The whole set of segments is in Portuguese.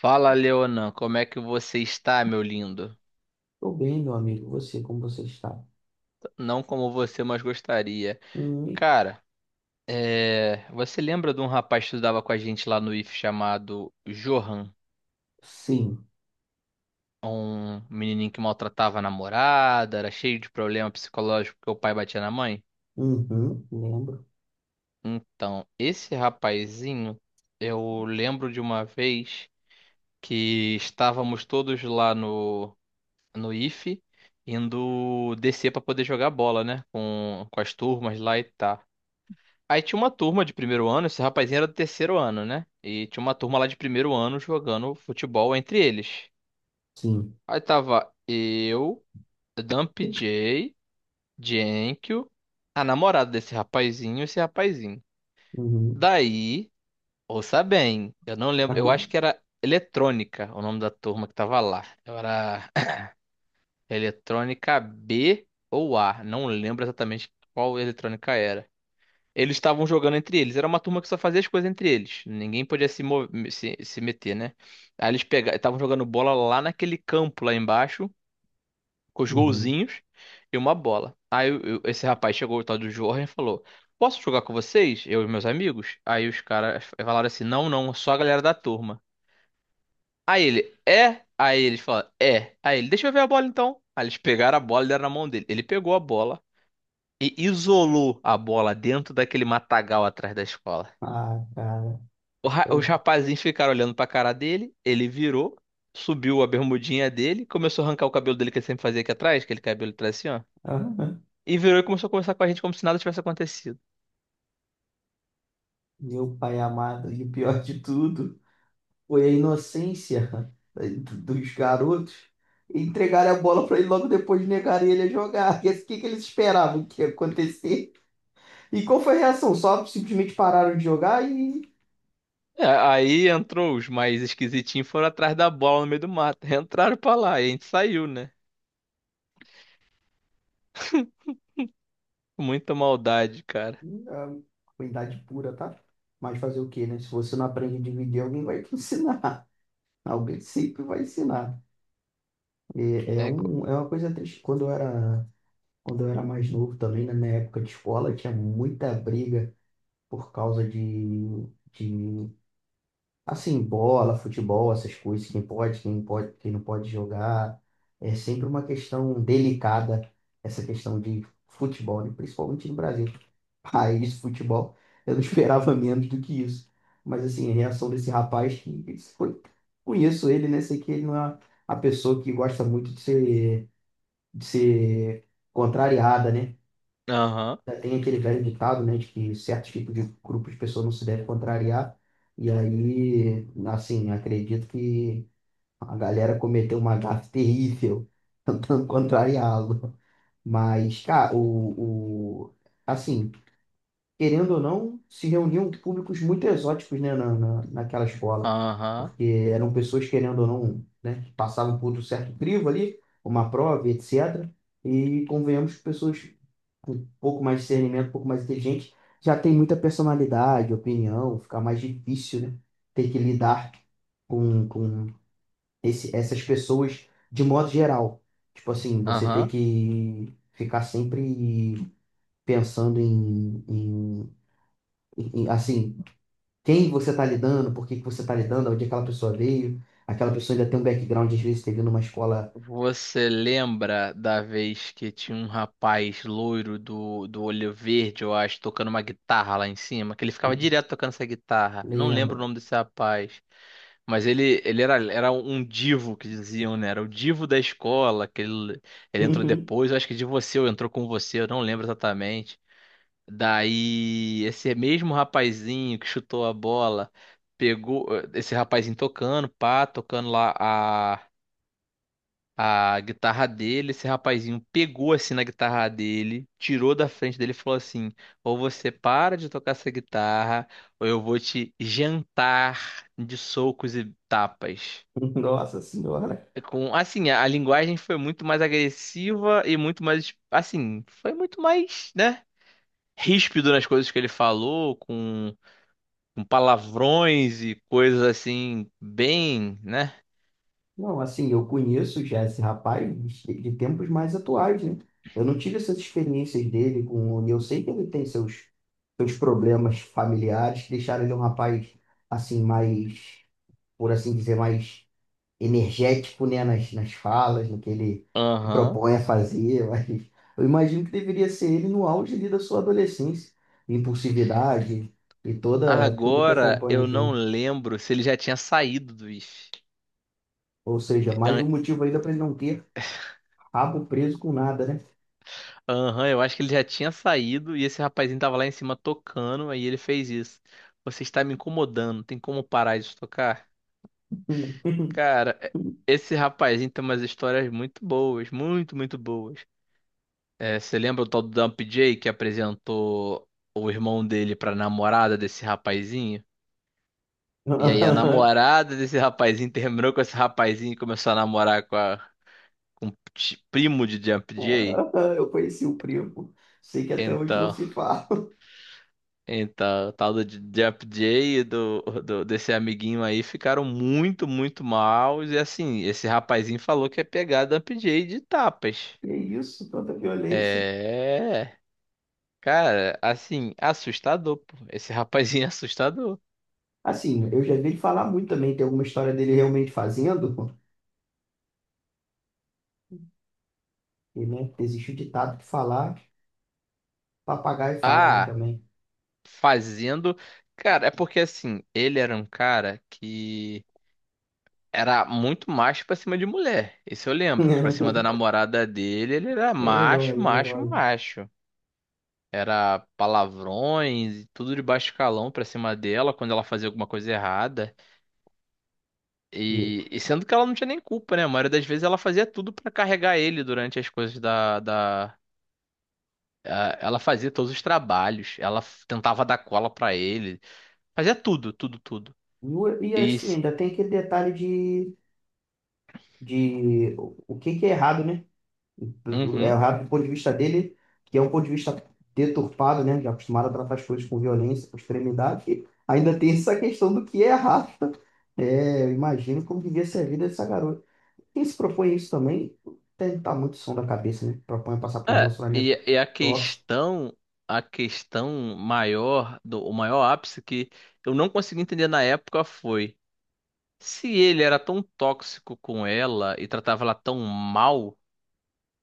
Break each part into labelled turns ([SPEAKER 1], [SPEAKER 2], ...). [SPEAKER 1] Fala, Leonan, como é que você está, meu lindo?
[SPEAKER 2] Tô bem, meu amigo. Você, como você está?
[SPEAKER 1] Não como você, mas gostaria.
[SPEAKER 2] Hum.
[SPEAKER 1] Cara, você lembra de um rapaz que estudava com a gente lá no IF chamado Johan?
[SPEAKER 2] Sim.
[SPEAKER 1] Um menininho que maltratava a namorada, era cheio de problema psicológico porque o pai batia na mãe?
[SPEAKER 2] Uhum, lembro.
[SPEAKER 1] Então, esse rapazinho, eu lembro de uma vez que estávamos todos lá no IF indo descer para poder jogar bola, né? Com as turmas lá e tal. Aí tinha uma turma de primeiro ano, esse rapazinho era do terceiro ano, né? E tinha uma turma lá de primeiro ano jogando futebol entre eles.
[SPEAKER 2] Sim.
[SPEAKER 1] Aí tava eu, Dump J, Jenkyo, a namorada desse rapazinho e esse rapazinho.
[SPEAKER 2] Uhum.
[SPEAKER 1] Daí, ouça bem, eu não lembro, eu acho que era Eletrônica o nome da turma que tava lá. Era Eletrônica B ou A, não lembro exatamente qual eletrônica era. Eles estavam jogando entre eles. Era uma turma que só fazia as coisas entre eles. Ninguém podia se, mo- se meter, né? Estavam jogando bola lá naquele campo lá embaixo, com os
[SPEAKER 2] Uhum.
[SPEAKER 1] golzinhos e uma bola. Esse rapaz chegou, o tal do Jorge, e falou: Posso jogar com vocês, eu e meus amigos? Aí os caras falaram assim: Não, não, só a galera da turma. Aí ele: É? Aí eles falaram: É. Aí ele: Deixa eu ver a bola então. Aí eles pegaram a bola e deram na mão dele. Ele pegou a bola e isolou a bola dentro daquele matagal atrás da escola.
[SPEAKER 2] Ah, cara.
[SPEAKER 1] Os
[SPEAKER 2] Eu.
[SPEAKER 1] rapazinhos ficaram olhando pra cara dele, ele virou, subiu a bermudinha dele, começou a arrancar o cabelo dele que ele sempre fazia aqui atrás, aquele cabelo atrás assim, ó.
[SPEAKER 2] Aham.
[SPEAKER 1] E virou e começou a conversar com a gente como se nada tivesse acontecido.
[SPEAKER 2] Meu pai amado, e o pior de tudo foi a inocência dos garotos. Entregaram a bola para ele logo depois negaram ele a jogar. E assim, o que que eles esperavam que ia acontecer? E qual foi a reação? Só simplesmente pararam de jogar e
[SPEAKER 1] É, aí entrou os mais esquisitinhos, foram atrás da bola no meio do mato. Entraram pra lá e a gente saiu, né? Muita maldade, cara.
[SPEAKER 2] a ruindade pura, tá? Mas fazer o quê, né? Se você não aprende a dividir, alguém vai te ensinar. Alguém sempre vai ensinar. É, é,
[SPEAKER 1] É, co-
[SPEAKER 2] um, é uma coisa triste. Quando eu era mais novo também, né, na época de escola, tinha muita briga por causa de, assim, bola, futebol, essas coisas, quem pode, quem não pode jogar. É sempre uma questão delicada, essa questão de futebol, né? Principalmente no Brasil, raiz de futebol. Eu não esperava menos do que isso. Mas assim, a reação desse rapaz, conheço ele, né? Sei que ele não é a pessoa que gosta muito de ser contrariada, né?
[SPEAKER 1] Aham,
[SPEAKER 2] Já tem aquele velho ditado, né, de que certos tipos de grupos de pessoas não se deve contrariar. E aí, assim, acredito que a galera cometeu uma gafe terrível tentando contrariá-lo. Mas, cara, assim, querendo ou não, se reuniam públicos muito exóticos, né, naquela escola,
[SPEAKER 1] aham,
[SPEAKER 2] porque eram pessoas, querendo ou não, né, que passavam por um certo crivo ali, uma prova, etc. E convenhamos que pessoas com um pouco mais de discernimento, um pouco mais inteligentes, já tem muita personalidade, opinião, fica mais difícil, né, ter que lidar com essas pessoas de modo geral. Tipo assim, você ter
[SPEAKER 1] aham.
[SPEAKER 2] que ficar sempre pensando em, assim, quem você está lidando, por que que você está lidando, onde aquela pessoa veio. Aquela pessoa ainda tem um background, às vezes, teve numa escola.
[SPEAKER 1] Você lembra da vez que tinha um rapaz loiro do olho verde, eu acho, tocando uma guitarra lá em cima? Que ele ficava direto tocando essa guitarra. Não lembro o
[SPEAKER 2] Lembro.
[SPEAKER 1] nome desse rapaz. Mas era um divo que diziam, né? Era o divo da escola, ele entrou depois, eu acho que de você, ou entrou com você, eu não lembro exatamente. Daí, esse mesmo rapazinho que chutou a bola, pegou esse rapazinho tocando, pá, tocando lá a guitarra dele, esse rapazinho pegou assim na guitarra dele, tirou da frente dele e falou assim: ou você para de tocar essa guitarra, ou eu vou te jantar de socos e tapas.
[SPEAKER 2] Uhum. Nossa Senhora.
[SPEAKER 1] É. A linguagem foi muito mais agressiva e muito mais, assim, foi muito mais, né, ríspido nas coisas que ele falou, com palavrões e coisas assim, bem, né?
[SPEAKER 2] Não, assim, eu conheço já esse rapaz de tempos mais atuais, né? Eu não tive essas experiências dele com. E eu sei que ele tem seus problemas familiares que deixaram ele um rapaz, assim, mais, por assim dizer, mais energético, né, nas falas, no que ele
[SPEAKER 1] Aham.
[SPEAKER 2] propõe a fazer, mas eu imagino que deveria ser ele no auge ali da sua adolescência, impulsividade e toda tudo que
[SPEAKER 1] Agora
[SPEAKER 2] acompanha
[SPEAKER 1] eu não
[SPEAKER 2] junto.
[SPEAKER 1] lembro se ele já tinha saído do IF.
[SPEAKER 2] Ou seja, mais um
[SPEAKER 1] An-
[SPEAKER 2] motivo ainda para ele não ter rabo preso com nada, né?
[SPEAKER 1] Aham, eu acho que ele já tinha saído e esse rapazinho tava lá em cima tocando, aí ele fez isso. Você está me incomodando, tem como parar de tocar? Cara, esse rapazinho tem umas histórias muito boas, muito, muito boas. É, você lembra o tal do Dump J que apresentou o irmão dele pra namorada desse rapazinho? E aí a namorada desse rapazinho terminou com esse rapazinho e começou a namorar com a com ti- primo de Jump Jay.
[SPEAKER 2] Eu conheci o primo, sei que até hoje não
[SPEAKER 1] Então,
[SPEAKER 2] se fala.
[SPEAKER 1] então, o tal do Jump Jay e do desse amiguinho aí ficaram muito, muito mal. E assim, esse rapazinho falou que ia pegar Jump Jay de tapas.
[SPEAKER 2] E é isso, tanta violência.
[SPEAKER 1] É, cara, assim, assustador, pô. Esse rapazinho é assustador.
[SPEAKER 2] Assim, eu já vi ele falar muito também, tem alguma história dele realmente fazendo, e, né, existe o ditado que falar Papagaio fala, né,
[SPEAKER 1] Ah,
[SPEAKER 2] também.
[SPEAKER 1] fazendo. Cara, é porque assim, ele era um cara que era muito macho pra cima de mulher. Isso eu lembro, que pra cima da namorada dele, ele era
[SPEAKER 2] Herói,
[SPEAKER 1] macho,
[SPEAKER 2] é
[SPEAKER 1] macho,
[SPEAKER 2] herói.
[SPEAKER 1] macho. Era palavrões e tudo de baixo calão pra cima dela quando ela fazia alguma coisa errada.
[SPEAKER 2] E,
[SPEAKER 1] E, sendo que ela não tinha nem culpa, né? A maioria das vezes ela fazia tudo pra carregar ele durante as coisas da, da... Ah, ela fazia todos os trabalhos, tentava dar cola pra ele, fazia tudo, tudo, tudo.
[SPEAKER 2] e
[SPEAKER 1] E,
[SPEAKER 2] assim,
[SPEAKER 1] se-
[SPEAKER 2] ainda tem aquele detalhe de, o que que é errado, né? É
[SPEAKER 1] Uhum.
[SPEAKER 2] errado do ponto de vista dele, que é um ponto de vista deturpado, né? Já acostumado a tratar as coisas com violência, com extremidade. E ainda tem essa questão do que é errado. É, eu imagino como devia ser a vida dessa garota. Quem se propõe isso também tem que estar muito som da cabeça, né? Propõe passar por um
[SPEAKER 1] É,
[SPEAKER 2] relacionamento tóxico.
[SPEAKER 1] a questão maior, do, o maior ápice que eu não consegui entender na época foi se ele era tão tóxico com ela e tratava ela tão mal,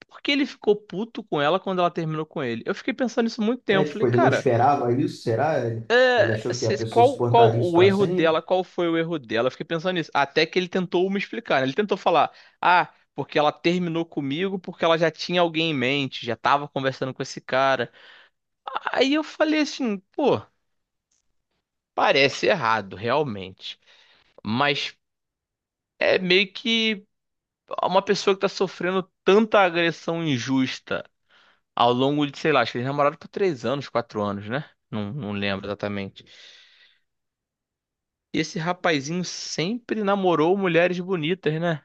[SPEAKER 1] por que ele ficou puto com ela quando ela terminou com ele? Eu fiquei pensando nisso muito
[SPEAKER 2] É,
[SPEAKER 1] tempo. Falei,
[SPEAKER 2] tipo, ele não
[SPEAKER 1] cara,
[SPEAKER 2] esperava isso, será? Ele achou que a pessoa
[SPEAKER 1] qual, qual
[SPEAKER 2] suportaria isso
[SPEAKER 1] o
[SPEAKER 2] para
[SPEAKER 1] erro
[SPEAKER 2] sempre?
[SPEAKER 1] dela? Qual foi o erro dela? Eu fiquei pensando nisso. Até que ele tentou me explicar, né? Ele tentou falar, ah, porque ela terminou comigo porque ela já tinha alguém em mente, já tava conversando com esse cara. Aí eu falei assim, pô, parece errado, realmente. Mas é meio que uma pessoa que tá sofrendo tanta agressão injusta ao longo de, sei lá, acho que eles namoraram por 3 anos, 4 anos, né? Não, não lembro exatamente. E esse rapazinho sempre namorou mulheres bonitas, né?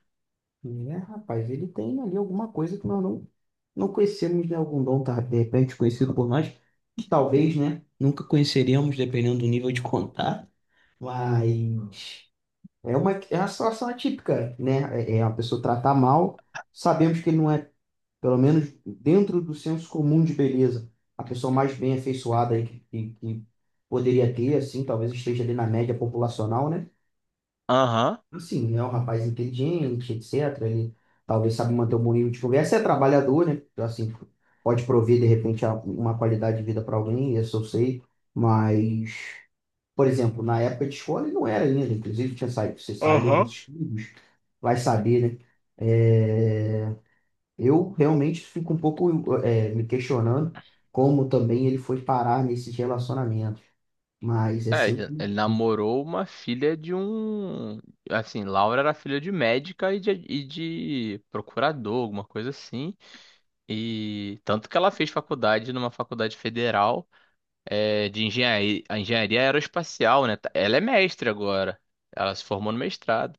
[SPEAKER 2] É, rapaz, ele tem ali alguma coisa que nós não conhecemos, né? Algum dom, tá, de repente, conhecido por nós, que talvez, né, nunca conheceríamos, dependendo do nível de contato. Mas é uma situação atípica, né? É uma pessoa tratar mal, sabemos que ele não é pelo menos dentro do senso comum de beleza, a pessoa mais bem afeiçoada aí que poderia ter, assim, talvez esteja ali na média populacional, né?
[SPEAKER 1] Aham.
[SPEAKER 2] Assim, é um rapaz inteligente, etc. Ele talvez sabe manter um bom nível de conversa, é trabalhador, né? Então, assim, pode prover, de repente, uma qualidade de vida para alguém, isso eu sei, mas... Por exemplo, na época de escola ele não era ainda, inclusive tinha saído, você saído dos
[SPEAKER 1] Aham.
[SPEAKER 2] estudos, vai saber, né? É, eu realmente fico um pouco me questionando como também ele foi parar nesses relacionamentos. Mas é
[SPEAKER 1] É, ele
[SPEAKER 2] sempre
[SPEAKER 1] ele namorou uma filha de um. Assim, Laura era filha de médica e de procurador, alguma coisa assim. E tanto que ela fez faculdade numa faculdade federal de engenharia, engenharia aeroespacial, né? Ela é mestre agora. Ela se formou no mestrado.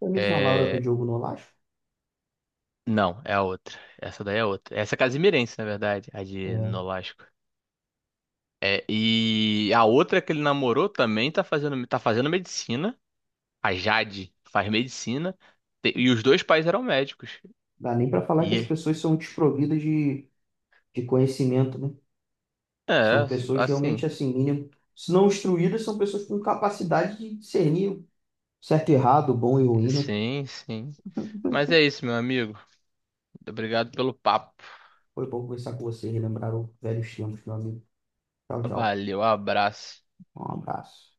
[SPEAKER 2] a mesma Laura do
[SPEAKER 1] É,
[SPEAKER 2] Diogo Nolasco.
[SPEAKER 1] não, é a outra. Essa daí é outra. Essa é casimirense, na verdade, a de
[SPEAKER 2] É,
[SPEAKER 1] Nolasco. É, e a outra que ele namorou também tá fazendo medicina. A Jade faz medicina. E os dois pais eram médicos.
[SPEAKER 2] dá nem para falar que
[SPEAKER 1] E
[SPEAKER 2] as
[SPEAKER 1] é,
[SPEAKER 2] pessoas são desprovidas de conhecimento, né? São
[SPEAKER 1] é,
[SPEAKER 2] pessoas realmente
[SPEAKER 1] assim,
[SPEAKER 2] assim, mínimo, se não instruídas, são pessoas com capacidade de discernir o certo e errado, o bom e o ruim, né?
[SPEAKER 1] sim, sim. Mas é isso, meu amigo. Obrigado pelo papo.
[SPEAKER 2] Foi bom conversar com você, relembrar os velhos tempos, meu amigo. Tchau, tchau.
[SPEAKER 1] Valeu, abraço.
[SPEAKER 2] Um abraço.